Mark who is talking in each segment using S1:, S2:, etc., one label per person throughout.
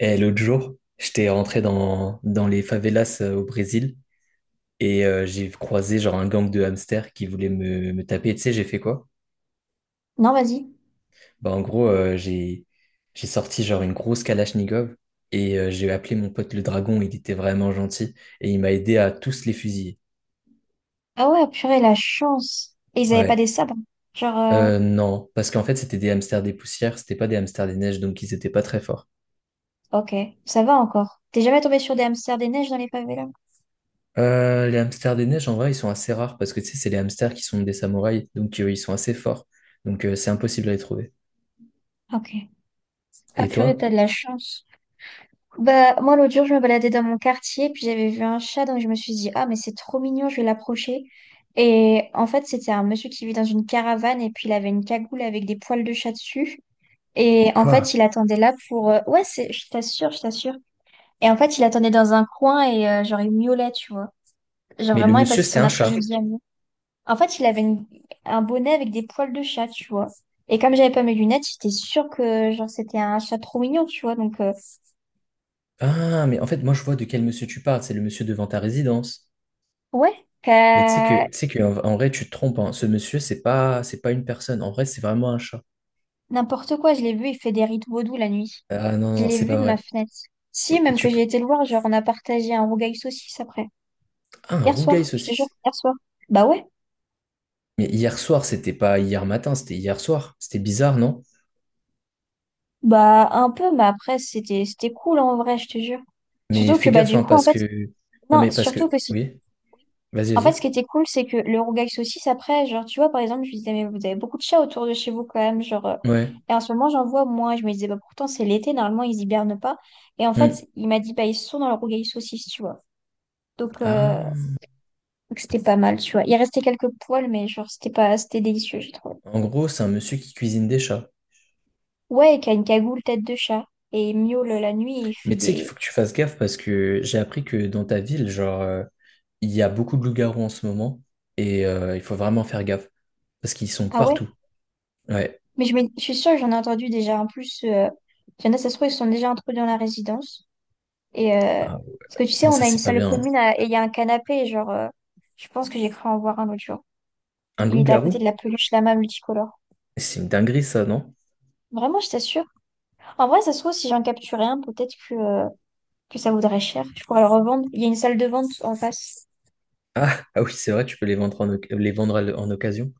S1: Et l'autre jour, j'étais rentré dans les favelas au Brésil et j'ai croisé genre un gang de hamsters qui voulait me taper. Et tu sais, j'ai fait quoi?
S2: Non, vas-y.
S1: Bah, en gros, j'ai sorti genre une grosse Kalachnikov et j'ai appelé mon pote le dragon. Il était vraiment gentil et il m'a aidé à tous les fusiller.
S2: Ah ouais, purée, la chance. Et ils avaient pas
S1: Ouais.
S2: des sabres. Genre,
S1: Non, parce qu'en fait, c'était des hamsters des poussières, c'était pas des hamsters des neiges, donc ils étaient pas très forts.
S2: ok, ça va encore. T'es jamais tombé sur des hamsters des neiges dans les favelas?
S1: Les hamsters des neiges, en vrai, ils sont assez rares parce que tu sais, c'est les hamsters qui sont des samouraïs, donc ils sont assez forts. Donc c'est impossible à les trouver.
S2: Ok. Ah
S1: Et
S2: purée,
S1: toi?
S2: t'as de la chance. Bah, moi, l'autre jour, je me baladais dans mon quartier, puis j'avais vu un chat, donc je me suis dit, ah, mais c'est trop mignon, je vais l'approcher. Et en fait, c'était un monsieur qui vit dans une caravane, et puis il avait une cagoule avec des poils de chat dessus.
S1: Et
S2: Et en
S1: quoi?
S2: fait, il attendait là pour... Ouais, c'est... je t'assure, je t'assure. Et en fait, il attendait dans un coin, et genre, il miaulait, tu vois. Genre
S1: Mais le
S2: vraiment, il passait
S1: monsieur,
S2: son
S1: c'était
S2: Je
S1: un chat.
S2: après-midi à nous. En fait, un bonnet avec des poils de chat, tu vois. Et comme j'avais pas mes lunettes, j'étais sûre que genre c'était un chat trop mignon, tu vois.
S1: Ah, mais en fait, moi, je vois de quel monsieur tu parles. C'est le monsieur devant ta résidence.
S2: Ouais,
S1: Mais
S2: Euh,
S1: tu sais que, en, en vrai, tu te trompes, hein. Ce monsieur, c'est pas une personne. En vrai, c'est vraiment un chat.
S2: N'importe quoi, je l'ai vu, il fait des rites vaudou la nuit.
S1: Ah non,
S2: Je
S1: non,
S2: l'ai
S1: c'est
S2: vu
S1: pas
S2: de ma
S1: vrai.
S2: fenêtre. Si,
S1: Et
S2: même que
S1: tu peux...
S2: j'ai été le voir, genre on a partagé un rougail saucisse après.
S1: Ah, un
S2: Hier
S1: rougail
S2: soir, je te jure,
S1: saucisse.
S2: hier soir. Bah ouais,
S1: Mais hier soir, c'était pas hier matin, c'était hier soir. C'était bizarre, non?
S2: bah un peu, mais après c'était cool en vrai, je te jure.
S1: Mais
S2: Surtout que
S1: fais
S2: bah
S1: gaffe,
S2: du
S1: hein,
S2: coup en
S1: parce
S2: fait,
S1: que... Non,
S2: non,
S1: mais parce que...
S2: surtout que si.
S1: Oui. Vas-y,
S2: En fait, ce qui
S1: vas-y.
S2: était cool, c'est que le rougail saucisse, après, genre, tu vois, par exemple, je lui disais, mais vous avez beaucoup de chats autour de chez vous quand même,
S1: Ouais.
S2: et en ce moment, j'en vois moins. Je me disais, bah pourtant, c'est l'été, normalement, ils hibernent pas. Et en
S1: Hmm.
S2: fait, il m'a dit, bah, ils sont dans le rougail saucisse, tu vois. Donc, euh,
S1: Ah.
S2: donc c'était pas mal, tu vois. Il restait quelques poils, mais genre, c'était pas, c'était délicieux, j'ai trouvé.
S1: En gros, c'est un monsieur qui cuisine des chats.
S2: Ouais, et qui a une cagoule tête de chat. Et il miaule la nuit, et il fait
S1: Mais tu sais qu'il
S2: des.
S1: faut que tu fasses gaffe parce que j'ai appris que dans ta ville, genre, il y a beaucoup de loups-garous en ce moment et il faut vraiment faire gaffe parce qu'ils sont
S2: Ah ouais?
S1: partout. Ouais.
S2: Mais je suis sûre que j'en ai entendu déjà. En plus, il y en a, ça se trouve, ils sont déjà introduits dans la résidence. Et euh,
S1: Ah, ouais.
S2: parce que tu sais,
S1: Non,
S2: on
S1: ça
S2: a une
S1: c'est pas bien, hein.
S2: et il y a un canapé. Je pense que j'ai cru en voir un l'autre jour.
S1: Un
S2: Il était à
S1: loup-garou?
S2: côté de la peluche lama multicolore.
S1: C'est une dinguerie ça, non?
S2: Vraiment, je t'assure. En vrai, ça se trouve, si j'en capturais un, peut-être que ça vaudrait cher. Je pourrais le revendre. Il y a une salle de vente en face.
S1: Ah, ah oui, c'est vrai, tu peux les vendre en, oc- les vendre à l- en occasion.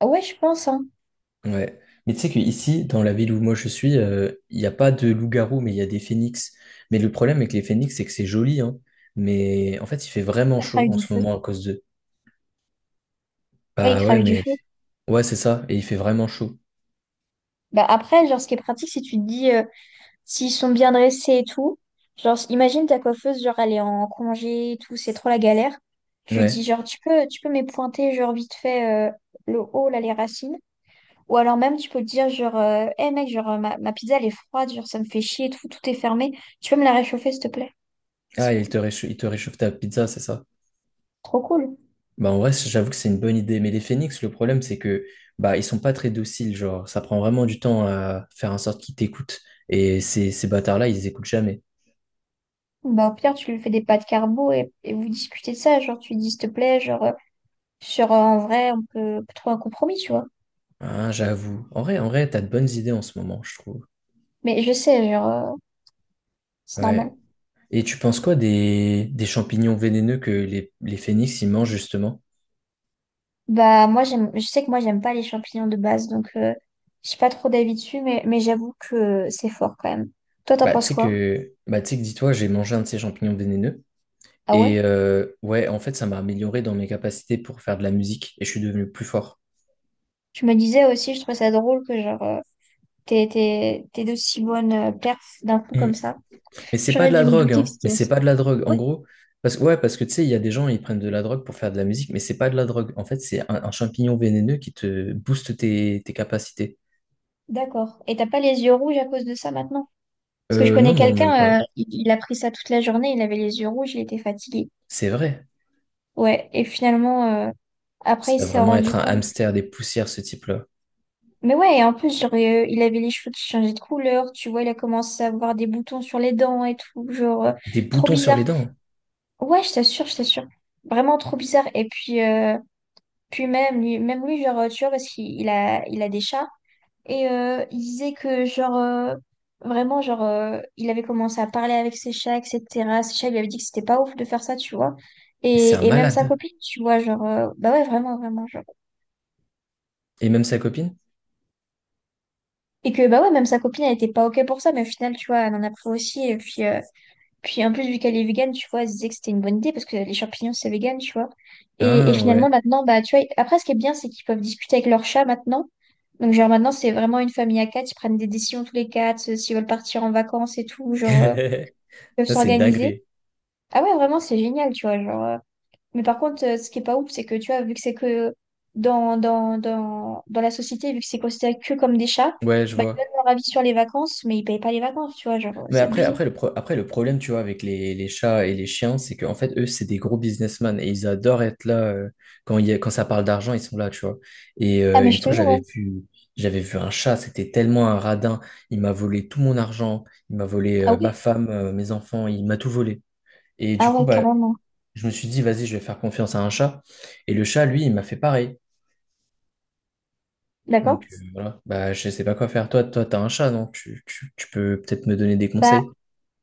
S2: Ah ouais, je pense, hein.
S1: Ouais. Mais tu sais qu'ici, dans la ville où moi je suis, il n'y a pas de loup-garou, mais il y a des phénix. Mais le problème avec les phénix, c'est que c'est joli, hein. Mais en fait, il fait vraiment
S2: Ça
S1: chaud
S2: crache du
S1: en ce
S2: feu.
S1: moment à cause d'eux.
S2: Ouais, il
S1: Bah ouais,
S2: crache du
S1: mais
S2: feu.
S1: ouais, c'est ça. Et il fait vraiment chaud.
S2: Bah après, genre, ce qui est pratique, si tu te dis, s'ils sont bien dressés et tout, genre, imagine ta coiffeuse, genre, elle est en congé et tout, c'est trop la galère. Tu dis,
S1: Ouais.
S2: genre, tu peux m'épointer, genre, vite fait, le haut, là, les racines. Ou alors même, tu peux te dire, Hey, mec, ma pizza, elle est froide, genre, ça me fait chier et tout, tout est fermé. Tu peux me la réchauffer, s'il te plaît? C'est
S1: Ah,
S2: cool.
S1: il te réchauffe ta pizza, c'est ça.
S2: Trop cool.
S1: Bah en vrai, j'avoue que c'est une bonne idée. Mais les phoenix, le problème, c'est que bah ils sont pas très dociles. Genre, ça prend vraiment du temps à faire en sorte qu'ils t'écoutent. Et ces bâtards-là, ils écoutent jamais.
S2: Bah, au pire, tu lui fais des pâtes carbo et vous discutez de ça, genre, tu lui dis, s'il te plaît, en vrai, on peut trouver un compromis, tu vois.
S1: Ah, j'avoue. En vrai, t'as de bonnes idées en ce moment, je trouve.
S2: Mais je sais, c'est normal.
S1: Ouais. Et tu penses quoi des champignons vénéneux que les phénix, ils mangent justement?
S2: Bah moi j'aime je sais que moi j'aime pas les champignons de base donc j'ai pas trop d'avis dessus mais j'avoue que c'est fort quand même. Toi t'en
S1: Bah,
S2: penses quoi?
S1: tu sais que dis-toi, j'ai mangé un de ces champignons vénéneux.
S2: Ah
S1: Et
S2: ouais?
S1: ouais, en fait, ça m'a amélioré dans mes capacités pour faire de la musique et je suis devenu plus fort.
S2: Je me disais aussi je trouvais ça drôle que t'es de si bonnes perfs d'un coup
S1: Mm.
S2: comme ça.
S1: Mais c'est pas
S2: J'aurais
S1: de la
S2: dû me
S1: drogue,
S2: douter que
S1: hein. Mais
S2: c'était
S1: c'est
S2: assez.
S1: pas de la drogue.
S2: Ah Ouais,
S1: En gros, parce que ouais, parce que tu sais, il y a des gens, ils prennent de la drogue pour faire de la musique, mais c'est pas de la drogue. En fait, un champignon vénéneux qui te booste tes capacités.
S2: d'accord. Et t'as pas les yeux rouges à cause de ça maintenant? Parce que je connais
S1: Non, même
S2: quelqu'un
S1: pas.
S2: il a pris ça toute la journée, il avait les yeux rouges, il était fatigué.
S1: C'est vrai.
S2: Ouais, et finalement après il
S1: Ça va
S2: s'est
S1: vraiment
S2: rendu
S1: être un
S2: compte.
S1: hamster des poussières, ce type-là.
S2: Mais ouais, et en plus, il avait les cheveux qui changeaient de couleur, tu vois, il a commencé à avoir des boutons sur les dents et tout,
S1: Des
S2: trop
S1: boutons sur
S2: bizarre.
S1: les dents.
S2: Ouais, je t'assure, je t'assure. Vraiment trop bizarre. Et puis, puis même lui, tu vois, parce il a des chats, et il disait que, vraiment, il avait commencé à parler avec ses chats, etc. Ses chats lui avaient dit que c'était pas ouf de faire ça, tu vois.
S1: Mais c'est un
S2: Et même sa
S1: malade.
S2: copine, tu vois, bah ouais, vraiment, vraiment, genre.
S1: Et même sa copine?
S2: Et que bah ouais, même sa copine, elle était pas OK pour ça, mais au final, tu vois, elle en a pris aussi. Et puis, puis en plus, vu qu'elle est végane, tu vois, elle se disait que c'était une bonne idée parce que les champignons, c'est vegan, tu vois. Et
S1: Ah
S2: finalement,
S1: ouais.
S2: maintenant, bah tu vois, après, ce qui est bien, c'est qu'ils peuvent discuter avec leur chat maintenant. Donc, genre, maintenant, c'est vraiment une famille à quatre, ils prennent des décisions tous les quatre, s'ils veulent partir en vacances et tout, ils peuvent
S1: Ça, c'est une
S2: s'organiser.
S1: dinguerie.
S2: Ah ouais, vraiment, c'est génial, tu vois, mais par contre, ce qui est pas ouf, c'est que tu vois, vu que c'est que dans la société, vu que c'est considéré que comme des chats,
S1: Ouais, je
S2: bah, ils
S1: vois.
S2: donnent leur avis sur les vacances, mais ils payent pas les vacances, tu vois, c'est abusé.
S1: Après, le pro- après, le problème, tu vois, avec les chats et les chiens, c'est qu'en fait, eux, c'est des gros businessmen et ils adorent être là. Quand il y a... quand ça parle d'argent, ils sont là, tu vois. Et
S2: Ah, mais
S1: une
S2: je te
S1: fois, ouais,
S2: jure, ouais.
S1: j'avais vu un chat, c'était tellement un radin. Il m'a volé tout mon argent, il m'a volé
S2: Ah
S1: ma
S2: ouais?
S1: femme, mes enfants, il m'a tout volé. Et
S2: Ah
S1: du coup,
S2: ouais,
S1: bah,
S2: carrément.
S1: je me suis dit, vas-y, je vais faire confiance à un chat. Et le chat, lui, il m'a fait pareil. Donc
S2: D'accord?
S1: voilà, bah, je sais pas quoi faire. Toi, t'as un chat, non? Tu peux peut-être me donner des
S2: Bah,
S1: conseils?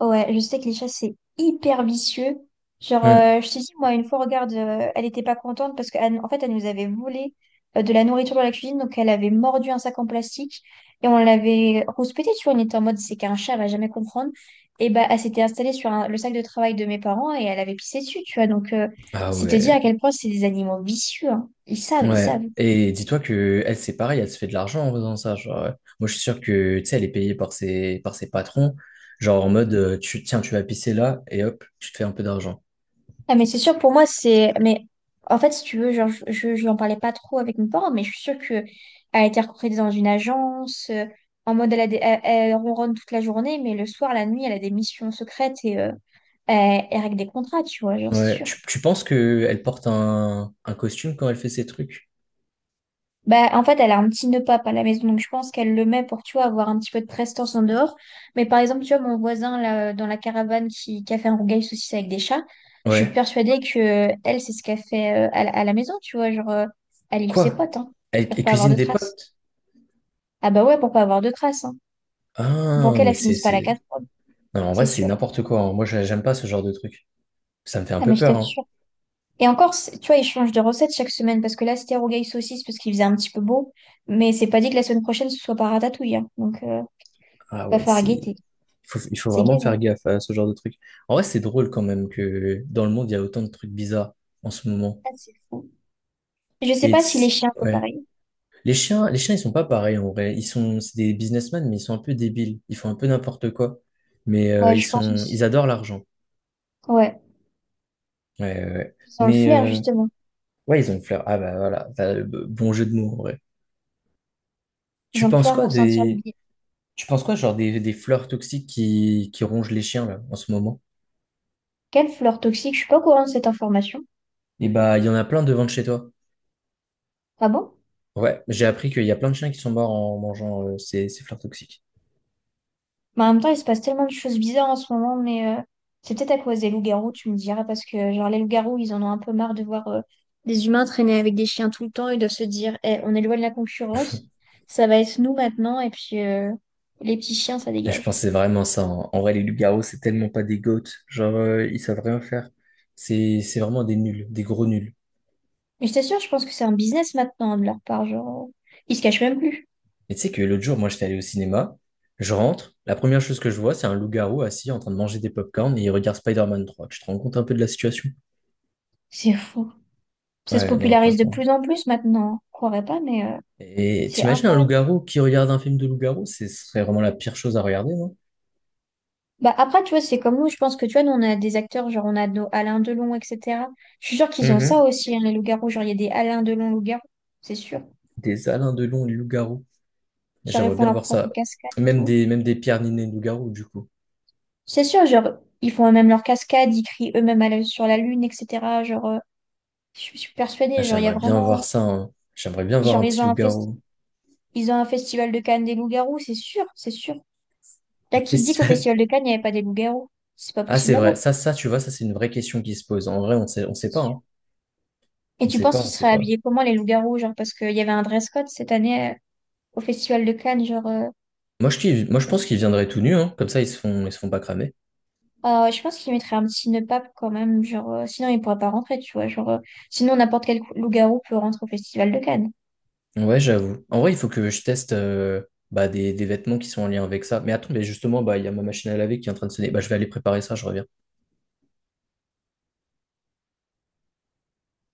S2: Ouais, je sais que les chats, c'est hyper vicieux.
S1: Hmm.
S2: Je te dis, moi, une fois, regarde, elle était pas contente parce qu'en en fait, elle nous avait volé de la nourriture dans la cuisine. Donc, elle avait mordu un sac en plastique et on l'avait rouspété, tu vois. On était en mode, c'est qu'un chat, elle va jamais comprendre. Et bah, elle s'était installée sur le sac de travail de mes parents et elle avait pissé dessus, tu vois. Donc,
S1: Ah
S2: c'est te dire à
S1: ouais,
S2: quel point c'est des animaux vicieux, hein. Ils savent, ils savent.
S1: ouais. Et dis-toi que elle, c'est pareil, elle se fait de l'argent en faisant ça. Genre, moi, je suis sûr que, tu sais, elle est payée par par ses patrons. Genre en mode, tiens, tu vas pisser là et hop, tu te fais un peu d'argent.
S2: Ah, mais c'est sûr, pour moi, c'est. Mais en fait, si tu veux, genre, n'en parlais pas trop avec mes parents, mais je suis sûre qu'elle a été recrutée dans une agence, en mode elle, elle ronronne toute la journée, mais le soir, la nuit, elle a des missions secrètes et elle règle des contrats, tu vois, genre, c'est
S1: Ouais.
S2: sûr.
S1: Tu penses que elle porte un costume quand elle fait ses trucs?
S2: Bah, en fait, elle a un petit nœud pape à la maison, donc je pense qu'elle le met pour, tu vois, avoir un petit peu de prestance en dehors. Mais par exemple, tu vois, mon voisin, là, dans la caravane qui a fait un rougail saucisse avec des chats, je suis
S1: Ouais.
S2: persuadée que elle, c'est ce qu'elle fait à la maison, tu vois, elle livre ses
S1: Quoi?
S2: potes, hein,
S1: Elle,
S2: pour
S1: elle
S2: pas avoir
S1: cuisine
S2: de
S1: des
S2: traces.
S1: potes?
S2: Ah bah ouais, pour pas avoir de traces, hein. Pour
S1: Ah,
S2: qu'elle, elle finisse pas la
S1: c'est...
S2: quatre,
S1: Non, en
S2: c'est
S1: vrai, c'est
S2: sûr.
S1: n'importe quoi, hein. Moi, j'a- j'aime pas ce genre de truc. Ça me fait un
S2: Ah,
S1: peu
S2: mais je
S1: peur, hein.
S2: t'assure. Et encore, tu vois, ils changent de recette chaque semaine, parce que là, c'était rougail saucisse, parce qu'il faisait un petit peu beau, mais c'est pas dit que la semaine prochaine, ce soit pas ratatouille, hein.
S1: Ah
S2: Va
S1: ouais,
S2: falloir
S1: c'est...
S2: guetter.
S1: Il faut
S2: C'est
S1: vraiment
S2: gay,
S1: faire
S2: hein.
S1: gaffe à ce genre de trucs. En vrai, c'est drôle quand même que dans le monde, il y a autant de trucs bizarres en ce moment.
S2: Ah, c'est fou. Je sais
S1: Et
S2: pas si les
S1: t's-
S2: chiens sont
S1: ouais.
S2: pareils.
S1: Les chiens, ils sont pas pareils en vrai. Ils sont... c'est des businessmen, mais ils sont un peu débiles. Ils font un peu n'importe quoi. Mais
S2: Ouais,
S1: ils
S2: je pense
S1: sont,
S2: aussi.
S1: ils adorent l'argent.
S2: Ouais.
S1: Ouais.
S2: Ils ont le
S1: Mais
S2: flair, justement.
S1: ouais, ils ont une fleur. Ah bah voilà, bah, b- bon jeu de mots en vrai.
S2: Ils
S1: Tu
S2: ont le
S1: penses
S2: flair
S1: quoi
S2: pour sentir le
S1: des,
S2: bien.
S1: Tu penses quoi genre des fleurs toxiques qui rongent les chiens là en ce moment?
S2: Quelle fleur toxique? Je suis pas au courant de cette information.
S1: Et bah, il y en a plein devant de chez toi.
S2: Ah bon?
S1: Ouais, j'ai appris qu'il y a plein de chiens qui sont morts en mangeant ces fleurs toxiques.
S2: Mais en même temps, il se passe tellement de choses bizarres en ce moment, mais c'est peut-être à cause des loups-garous, tu me diras, parce que genre les loups-garous, ils en ont un peu marre de voir des humains traîner avec des chiens tout le temps. Ils doivent se dire, eh, on est loin de la concurrence, ça va être nous maintenant, et puis les petits chiens, ça
S1: Et je
S2: dégage.
S1: pense que c'est vraiment ça, hein. En vrai, les loups-garous, c'est tellement pas des goats. Genre, ils savent rien faire. C'est vraiment des nuls, des gros nuls.
S2: Mais je t'assure, je pense que c'est un business maintenant de leur part, genre, ils se cachent même plus.
S1: Et tu sais que l'autre jour, moi, j'étais allé au cinéma. Je rentre. La première chose que je vois, c'est un loup-garou assis en train de manger des pop-corns et il regarde Spider-Man 3. Tu te rends compte un peu de la situation?
S2: C'est fou. Ça se
S1: Ouais, non,
S2: popularise de
S1: franchement.
S2: plus en plus maintenant. Je croirais pas, mais
S1: Et
S2: c'est
S1: t'imagines un
S2: incroyable.
S1: loup-garou qui regarde un film de loup-garou? Ce serait vraiment la pire chose à regarder, non?
S2: Bah après, tu vois, c'est comme nous, je pense que tu vois, nous on a des acteurs, genre on a nos Alain Delon, etc. Je suis sûre qu'ils ont ça
S1: Mhm.
S2: aussi, hein, les loups-garous. Genre, il y a des Alain Delon loups-garous, c'est sûr.
S1: Des Alain Delon, les loups-garous.
S2: Genre, ils
S1: J'aimerais
S2: font
S1: bien
S2: leur
S1: voir
S2: propre
S1: ça.
S2: cascade et
S1: Même
S2: tout.
S1: même des pierres ninées de loup-garou, du coup.
S2: C'est sûr, genre, ils font eux-mêmes leur cascade, ils crient eux-mêmes à sur la lune, etc. Je suis
S1: Ah,
S2: persuadée, genre, il y a
S1: j'aimerais bien voir
S2: vraiment.
S1: ça, hein. J'aimerais bien voir
S2: Genre,
S1: un
S2: ils
S1: petit
S2: ont un fest...
S1: loup-garou.
S2: Ils ont un festival de Cannes des loups-garous, c'est sûr, c'est sûr. Là,
S1: Un
S2: qui dit qu'au
S1: festival.
S2: festival de Cannes, il n'y avait pas des loups-garous? C'est pas
S1: Ah,
S2: possible
S1: c'est
S2: à
S1: vrai.
S2: voir.
S1: Ça, c'est une vraie question qui se pose. En vrai, on sait pas, hein.
S2: Et tu penses qu'ils
S1: On sait
S2: seraient
S1: pas.
S2: habillés comment les loups-garous, genre parce qu'il y avait un dress code cette année au Festival de Cannes,
S1: Moi, je pense qu'ils viendraient tout nus, hein. Comme ça, ils se font pas cramer.
S2: je pense qu'ils mettraient un petit nœud pape quand même, sinon ils pourraient pas rentrer, tu vois, sinon n'importe quel loup-garou peut rentrer au Festival de Cannes.
S1: Ouais, j'avoue. En vrai, il faut que je teste, bah, des vêtements qui sont en lien avec ça. Mais attends, mais justement, bah, il y a ma machine à laver qui est en train de sonner. Bah, je vais aller préparer ça, je reviens.